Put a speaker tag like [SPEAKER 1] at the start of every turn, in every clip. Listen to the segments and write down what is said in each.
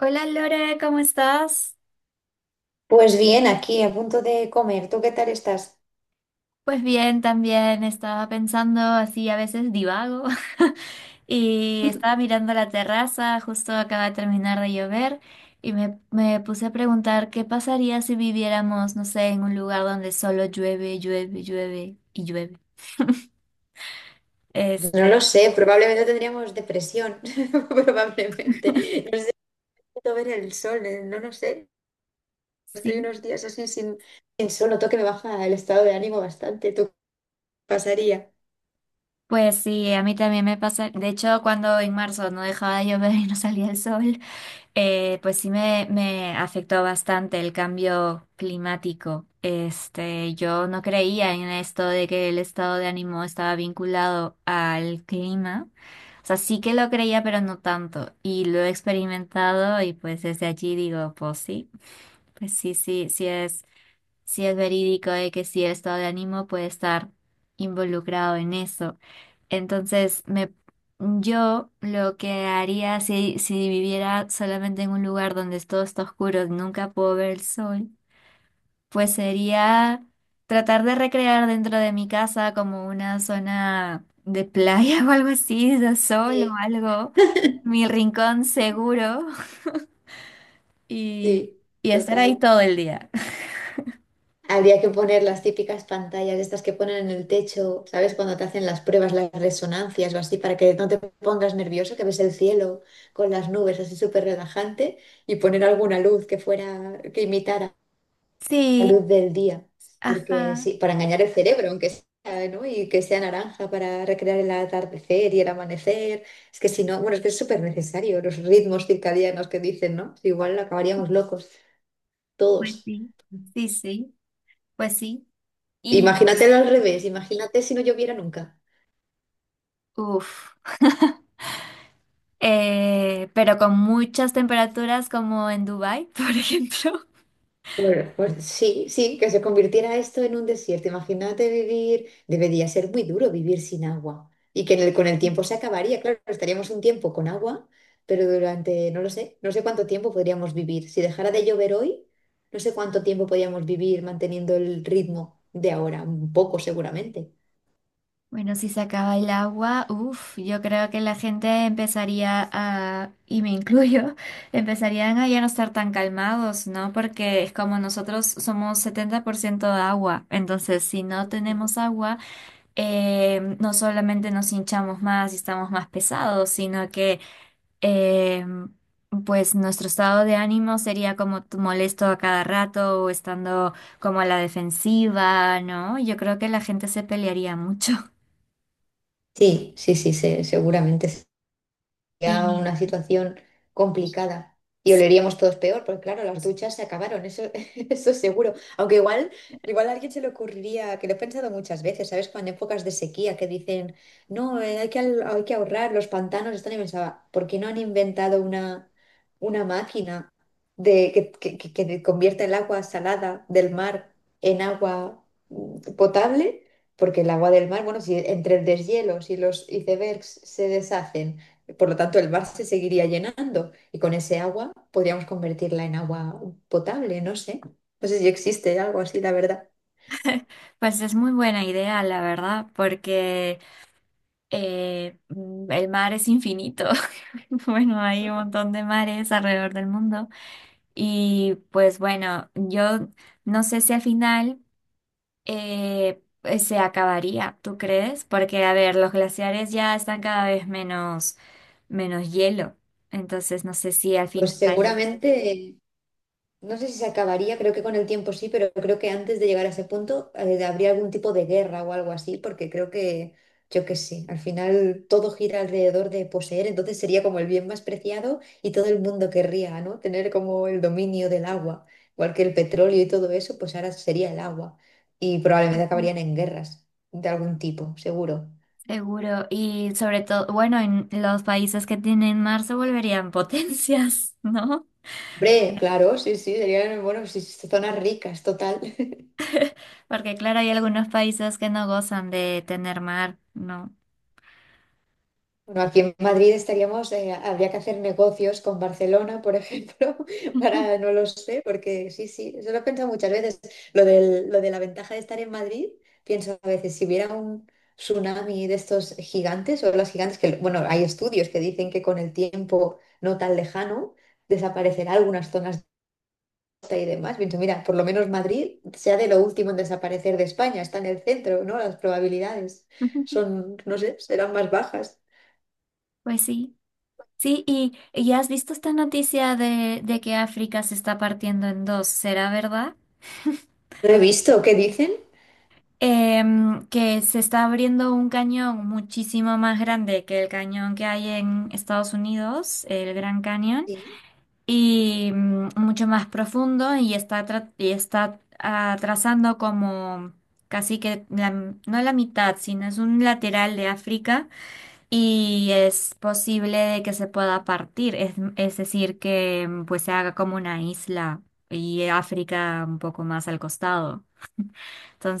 [SPEAKER 1] Hola Lore, ¿cómo estás?
[SPEAKER 2] Pues bien, aquí a punto de comer. ¿Tú qué tal estás?
[SPEAKER 1] Pues bien, también estaba pensando así, a veces divago, y estaba mirando la terraza, justo acaba de terminar de llover, y me puse a preguntar qué pasaría si viviéramos, no sé, en un lugar donde solo llueve, llueve, llueve y llueve.
[SPEAKER 2] No lo
[SPEAKER 1] Este,
[SPEAKER 2] sé, probablemente tendríamos depresión, probablemente. No sé, necesito ver el sol, no lo sé. Estoy
[SPEAKER 1] sí,
[SPEAKER 2] unos días así sin, sin sol, noto que me baja el estado de ánimo bastante. ¿Tú qué pasaría?
[SPEAKER 1] pues sí, a mí también me pasa, de hecho, cuando en marzo no dejaba de llover y no salía el sol. Pues sí me afectó bastante el cambio climático. Este, yo no creía en esto de que el estado de ánimo estaba vinculado al clima. O sea, sí que lo creía, pero no tanto. Y lo he experimentado y pues desde allí digo, pues sí, sí, sí, si es verídico de que si el estado de ánimo puede estar involucrado en eso. Entonces, me, yo lo que haría si viviera solamente en un lugar donde todo está oscuro y nunca puedo ver el sol, pues sería tratar de recrear dentro de mi casa como una zona de playa o algo así, de sol o
[SPEAKER 2] Sí.
[SPEAKER 1] algo, mi rincón seguro y,
[SPEAKER 2] Sí,
[SPEAKER 1] y estar ahí
[SPEAKER 2] total.
[SPEAKER 1] todo el día.
[SPEAKER 2] Habría que poner las típicas pantallas, estas que ponen en el techo, ¿sabes? Cuando te hacen las pruebas, las resonancias o así, para que no te pongas nervioso, que ves el cielo con las nubes así súper relajante y poner alguna luz que fuera, que imitara la
[SPEAKER 1] Sí,
[SPEAKER 2] luz del día, porque
[SPEAKER 1] ajá.
[SPEAKER 2] sí, para engañar el cerebro, aunque sea, ¿no? Y que sea naranja para recrear el atardecer y el amanecer. Es que si no, bueno, es que es súper necesario los ritmos circadianos que dicen, ¿no? Igual acabaríamos locos,
[SPEAKER 1] Pues
[SPEAKER 2] todos.
[SPEAKER 1] sí, sí, sí, pues sí. Y,
[SPEAKER 2] Imagínate al revés, imagínate si no lloviera nunca.
[SPEAKER 1] uff, pero con muchas temperaturas como en Dubái, por ejemplo.
[SPEAKER 2] Bueno, pues sí, sí, que se convirtiera esto en un desierto. Imagínate vivir, debería ser muy duro vivir sin agua y que con el tiempo se acabaría. Claro, estaríamos un tiempo con agua, pero durante, no lo sé, no sé cuánto tiempo podríamos vivir. Si dejara de llover hoy, no sé cuánto tiempo podríamos vivir manteniendo el ritmo de ahora, un poco seguramente.
[SPEAKER 1] Bueno, si se acaba el agua, uff, yo creo que la gente empezaría a, y me incluyo, empezarían a ya no estar tan calmados, ¿no? Porque es como nosotros somos 70% agua, entonces si no
[SPEAKER 2] Ujú.
[SPEAKER 1] tenemos agua, no solamente nos hinchamos más y estamos más pesados, sino que eh, pues nuestro estado de ánimo sería como t- molesto a cada rato o estando como a la defensiva, ¿no? Yo creo que la gente se pelearía mucho.
[SPEAKER 2] Sí, sí, sí, seguramente sería
[SPEAKER 1] Y
[SPEAKER 2] una situación complicada y oleríamos todos peor, porque claro, las duchas se acabaron, eso, eso seguro. Aunque igual, igual a alguien se le ocurriría, que lo he pensado muchas veces, ¿sabes? Cuando en épocas de sequía que dicen, no, hay hay que ahorrar, los pantanos están, y pensaba, ¿por qué no han inventado una máquina de, que convierta el agua salada del mar en agua potable? Porque el agua del mar, bueno, si entre el deshielo, si los icebergs se deshacen, por lo tanto, el mar se seguiría llenando y con ese agua podríamos convertirla en agua potable, no sé. No sé si existe algo así, la verdad.
[SPEAKER 1] pues es muy buena idea, la verdad, porque el mar es infinito. Bueno, hay un montón de mares alrededor del mundo. Y pues bueno, yo no sé si al final… pues, se acabaría, ¿tú crees? Porque, a ver, los glaciares ya están cada vez menos, menos hielo. Entonces, no sé si al
[SPEAKER 2] Pues
[SPEAKER 1] final,
[SPEAKER 2] seguramente no sé si se acabaría, creo que con el tiempo sí, pero creo que antes de llegar a ese punto habría algún tipo de guerra o algo así, porque creo que, yo qué sé, al final todo gira alrededor de poseer, entonces sería como el bien más preciado y todo el mundo querría, ¿no? Tener como el dominio del agua, igual que el petróleo y todo eso, pues ahora sería el agua y probablemente
[SPEAKER 1] sí.
[SPEAKER 2] acabarían en guerras de algún tipo, seguro.
[SPEAKER 1] Seguro, y sobre todo, bueno, en los países que tienen mar se volverían potencias, ¿no?
[SPEAKER 2] Hombre, claro, sí, sí, serían, bueno, sí, sí, zonas ricas, total.
[SPEAKER 1] Porque, claro, hay algunos países que no gozan de tener mar, ¿no?
[SPEAKER 2] Bueno, aquí en Madrid estaríamos, habría que hacer negocios con Barcelona, por ejemplo, para, no lo sé, porque sí, sí, eso lo he pensado muchas veces. Lo de la ventaja de estar en Madrid, pienso a veces, si hubiera un tsunami de estos gigantes o las gigantes, que bueno, hay estudios que dicen que con el tiempo no tan lejano desaparecerá algunas zonas de costa y demás. Pienso, mira, por lo menos Madrid sea de lo último en desaparecer de España, está en el centro, ¿no? Las probabilidades son, no sé, serán más bajas.
[SPEAKER 1] Pues sí. Sí, y has visto esta noticia de que África se está partiendo en dos, ¿será verdad?
[SPEAKER 2] No he visto, ¿qué dicen?
[SPEAKER 1] Que se está abriendo un cañón muchísimo más grande que el cañón que hay en Estados Unidos, el Gran Cañón,
[SPEAKER 2] Sí,
[SPEAKER 1] y mucho más profundo y está, tra- y está trazando como casi que la- no la mitad, sino es un lateral de África y es posible de que se pueda partir, es decir, que pues se haga como una isla y África un poco más al costado.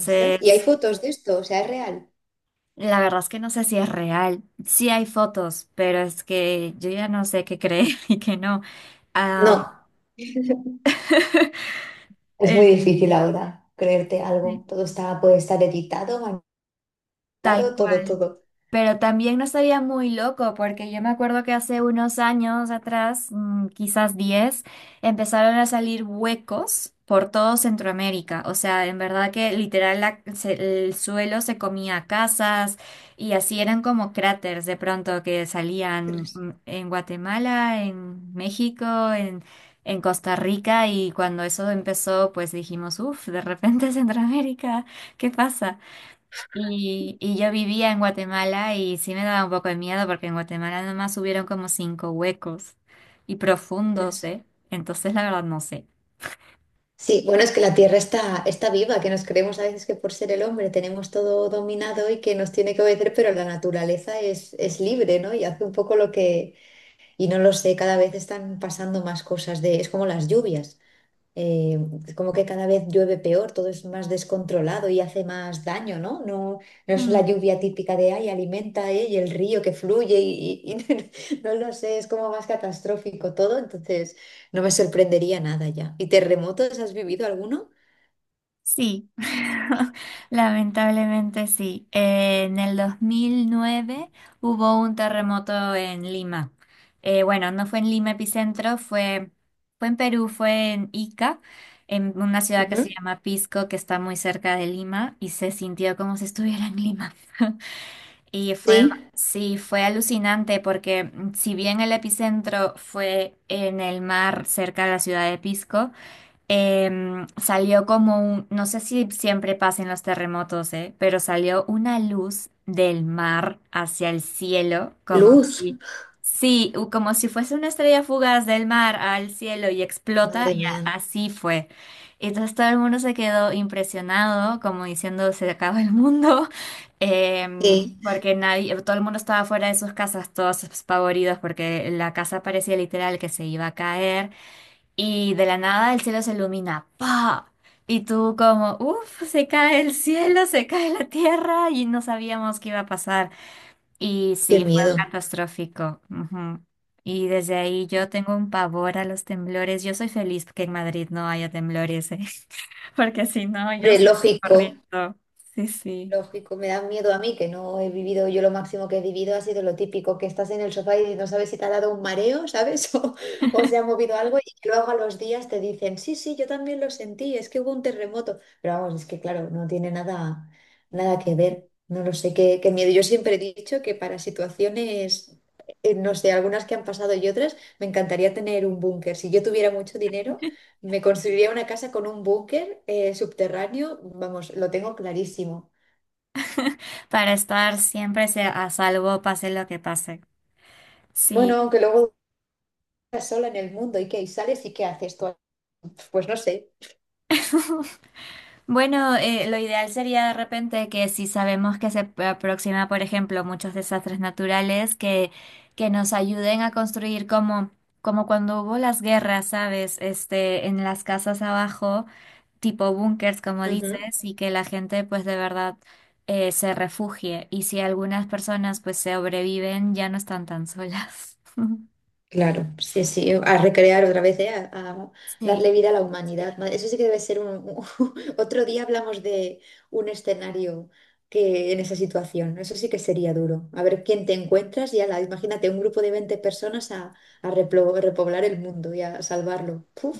[SPEAKER 2] ostras. ¿Y hay fotos de esto? O sea, ¿es real?
[SPEAKER 1] la verdad es que no sé si es real. Sí hay fotos, pero es que yo ya no sé qué creer y qué no.
[SPEAKER 2] No,
[SPEAKER 1] Am,
[SPEAKER 2] es
[SPEAKER 1] eh,
[SPEAKER 2] muy difícil ahora creerte
[SPEAKER 1] sí,
[SPEAKER 2] algo. Todo está, puede estar editado,
[SPEAKER 1] tal
[SPEAKER 2] manipulado, todo,
[SPEAKER 1] cual.
[SPEAKER 2] todo.
[SPEAKER 1] Pero también no estaría muy loco, porque yo me acuerdo que hace unos años atrás, quizás 10, empezaron a salir huecos por todo Centroamérica. O sea, en verdad que literal la- se- el suelo se comía casas y así eran como cráteres de pronto que salían
[SPEAKER 2] Ostras,
[SPEAKER 1] en Guatemala, en México, en, en Costa Rica. Y cuando eso empezó, pues dijimos, uff, de repente Centroamérica, ¿qué pasa? Y yo vivía en Guatemala y sí me daba un poco de miedo porque en Guatemala nomás hubieron como 5 huecos y profundos,
[SPEAKER 2] ostras.
[SPEAKER 1] ¿eh? Entonces la verdad no sé.
[SPEAKER 2] Sí, bueno, es que la Tierra está, está viva, que nos creemos a veces que por ser el hombre tenemos todo dominado y que nos tiene que obedecer, pero la naturaleza es libre, ¿no? Y hace un poco lo que, y no lo sé, cada vez están pasando más cosas de, es como las lluvias. Eh, como que cada vez llueve peor, todo es más descontrolado y hace más daño, ¿no? No, no es la
[SPEAKER 1] Mm,
[SPEAKER 2] lluvia típica de ay, alimenta, y el río que fluye no lo sé, es como más catastrófico todo, entonces no me sorprendería nada ya. ¿Y terremotos has vivido alguno?
[SPEAKER 1] Sí, lamentablemente sí. En el 2009 hubo un terremoto en Lima. Bueno, no fue en Lima epicentro, fue, fue en Perú, fue en Ica, en una ciudad que se
[SPEAKER 2] Ujú.
[SPEAKER 1] llama Pisco, que está muy cerca de Lima, y se sintió como si estuviera en Lima. Y fue,
[SPEAKER 2] Sí,
[SPEAKER 1] sí, fue alucinante porque si bien el epicentro fue en el mar cerca de la ciudad de Pisco, salió como un, no sé si siempre pasan los terremotos, pero salió una luz del mar hacia el cielo, como
[SPEAKER 2] luz,
[SPEAKER 1] si, sí, u- como si fuese una estrella fugaz del mar al cielo y explota,
[SPEAKER 2] madre
[SPEAKER 1] y a-
[SPEAKER 2] mía,
[SPEAKER 1] así fue. Y entonces todo el mundo se quedó impresionado, como diciendo, se acaba el mundo, em,
[SPEAKER 2] sí,
[SPEAKER 1] porque nadie, todo el mundo estaba fuera de sus casas, todos espavoridos, porque la casa parecía literal que se iba a caer. Y de la nada el cielo se ilumina, ¡pa! Y tú como, uff, se cae el cielo, se cae la tierra y no sabíamos qué iba a pasar. Y
[SPEAKER 2] qué
[SPEAKER 1] sí, fue
[SPEAKER 2] miedo.
[SPEAKER 1] catastrófico. Ujú. Y desde ahí yo tengo un pavor a los temblores. Yo soy feliz que en Madrid no haya temblores, ¿eh? Porque si no, yo
[SPEAKER 2] Hombre,
[SPEAKER 1] salgo
[SPEAKER 2] lógico.
[SPEAKER 1] corriendo. Sí, sí.
[SPEAKER 2] Lógico, me da miedo a mí que no he vivido, yo lo máximo que he vivido ha sido lo típico, que estás en el sofá y no sabes si te ha dado un mareo, ¿sabes? O, o se ha movido algo y que luego a los días te dicen, sí, sí, yo también lo sentí, es que hubo un terremoto. Pero vamos, es que claro, no tiene nada, nada que ver, no lo sé, qué, qué miedo. Yo siempre he dicho que para situaciones, no sé, algunas que han pasado y otras, me encantaría tener un búnker. Si yo tuviera mucho dinero... Me construiría una casa con un búnker subterráneo, vamos, lo tengo clarísimo.
[SPEAKER 1] Para estar siempre se- a salvo, pase lo que pase. Sí.
[SPEAKER 2] Bueno, aunque luego estás sola en el mundo y que sales y qué haces tú, pues no sé.
[SPEAKER 1] Bueno, lo ideal sería de repente que si sabemos que se p- aproxima, por ejemplo, muchos desastres naturales, que nos ayuden a construir como, como cuando hubo las guerras, ¿sabes? Este, en las casas abajo, tipo búnkers, como
[SPEAKER 2] Ujú,
[SPEAKER 1] dices, y que la gente pues de verdad se refugie. Y si algunas personas pues sobreviven, ya no están tan solas.
[SPEAKER 2] claro, sí, sí, a recrear otra vez, ¿eh? A
[SPEAKER 1] Sí,
[SPEAKER 2] darle vida a la humanidad. Eso sí que debe ser un... Otro día hablamos de un escenario que en esa situación, ¿no? Eso sí que sería duro. A ver quién te encuentras y ala, imagínate un grupo de 20 personas a repoblar el mundo y a salvarlo. Puf,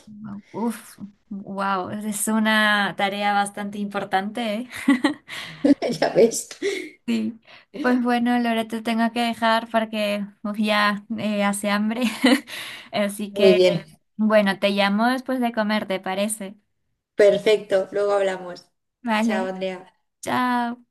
[SPEAKER 1] uf, wow, es una tarea bastante importante, ¿eh?
[SPEAKER 2] ya ves.
[SPEAKER 1] Sí, pues bueno, Laura, te tengo que dejar porque uf, ya hace hambre. Así
[SPEAKER 2] Muy
[SPEAKER 1] que,
[SPEAKER 2] bien,
[SPEAKER 1] bueno, te llamo después de comer, ¿te parece?
[SPEAKER 2] perfecto, luego hablamos. Chao,
[SPEAKER 1] Vale,
[SPEAKER 2] Andrea.
[SPEAKER 1] chao.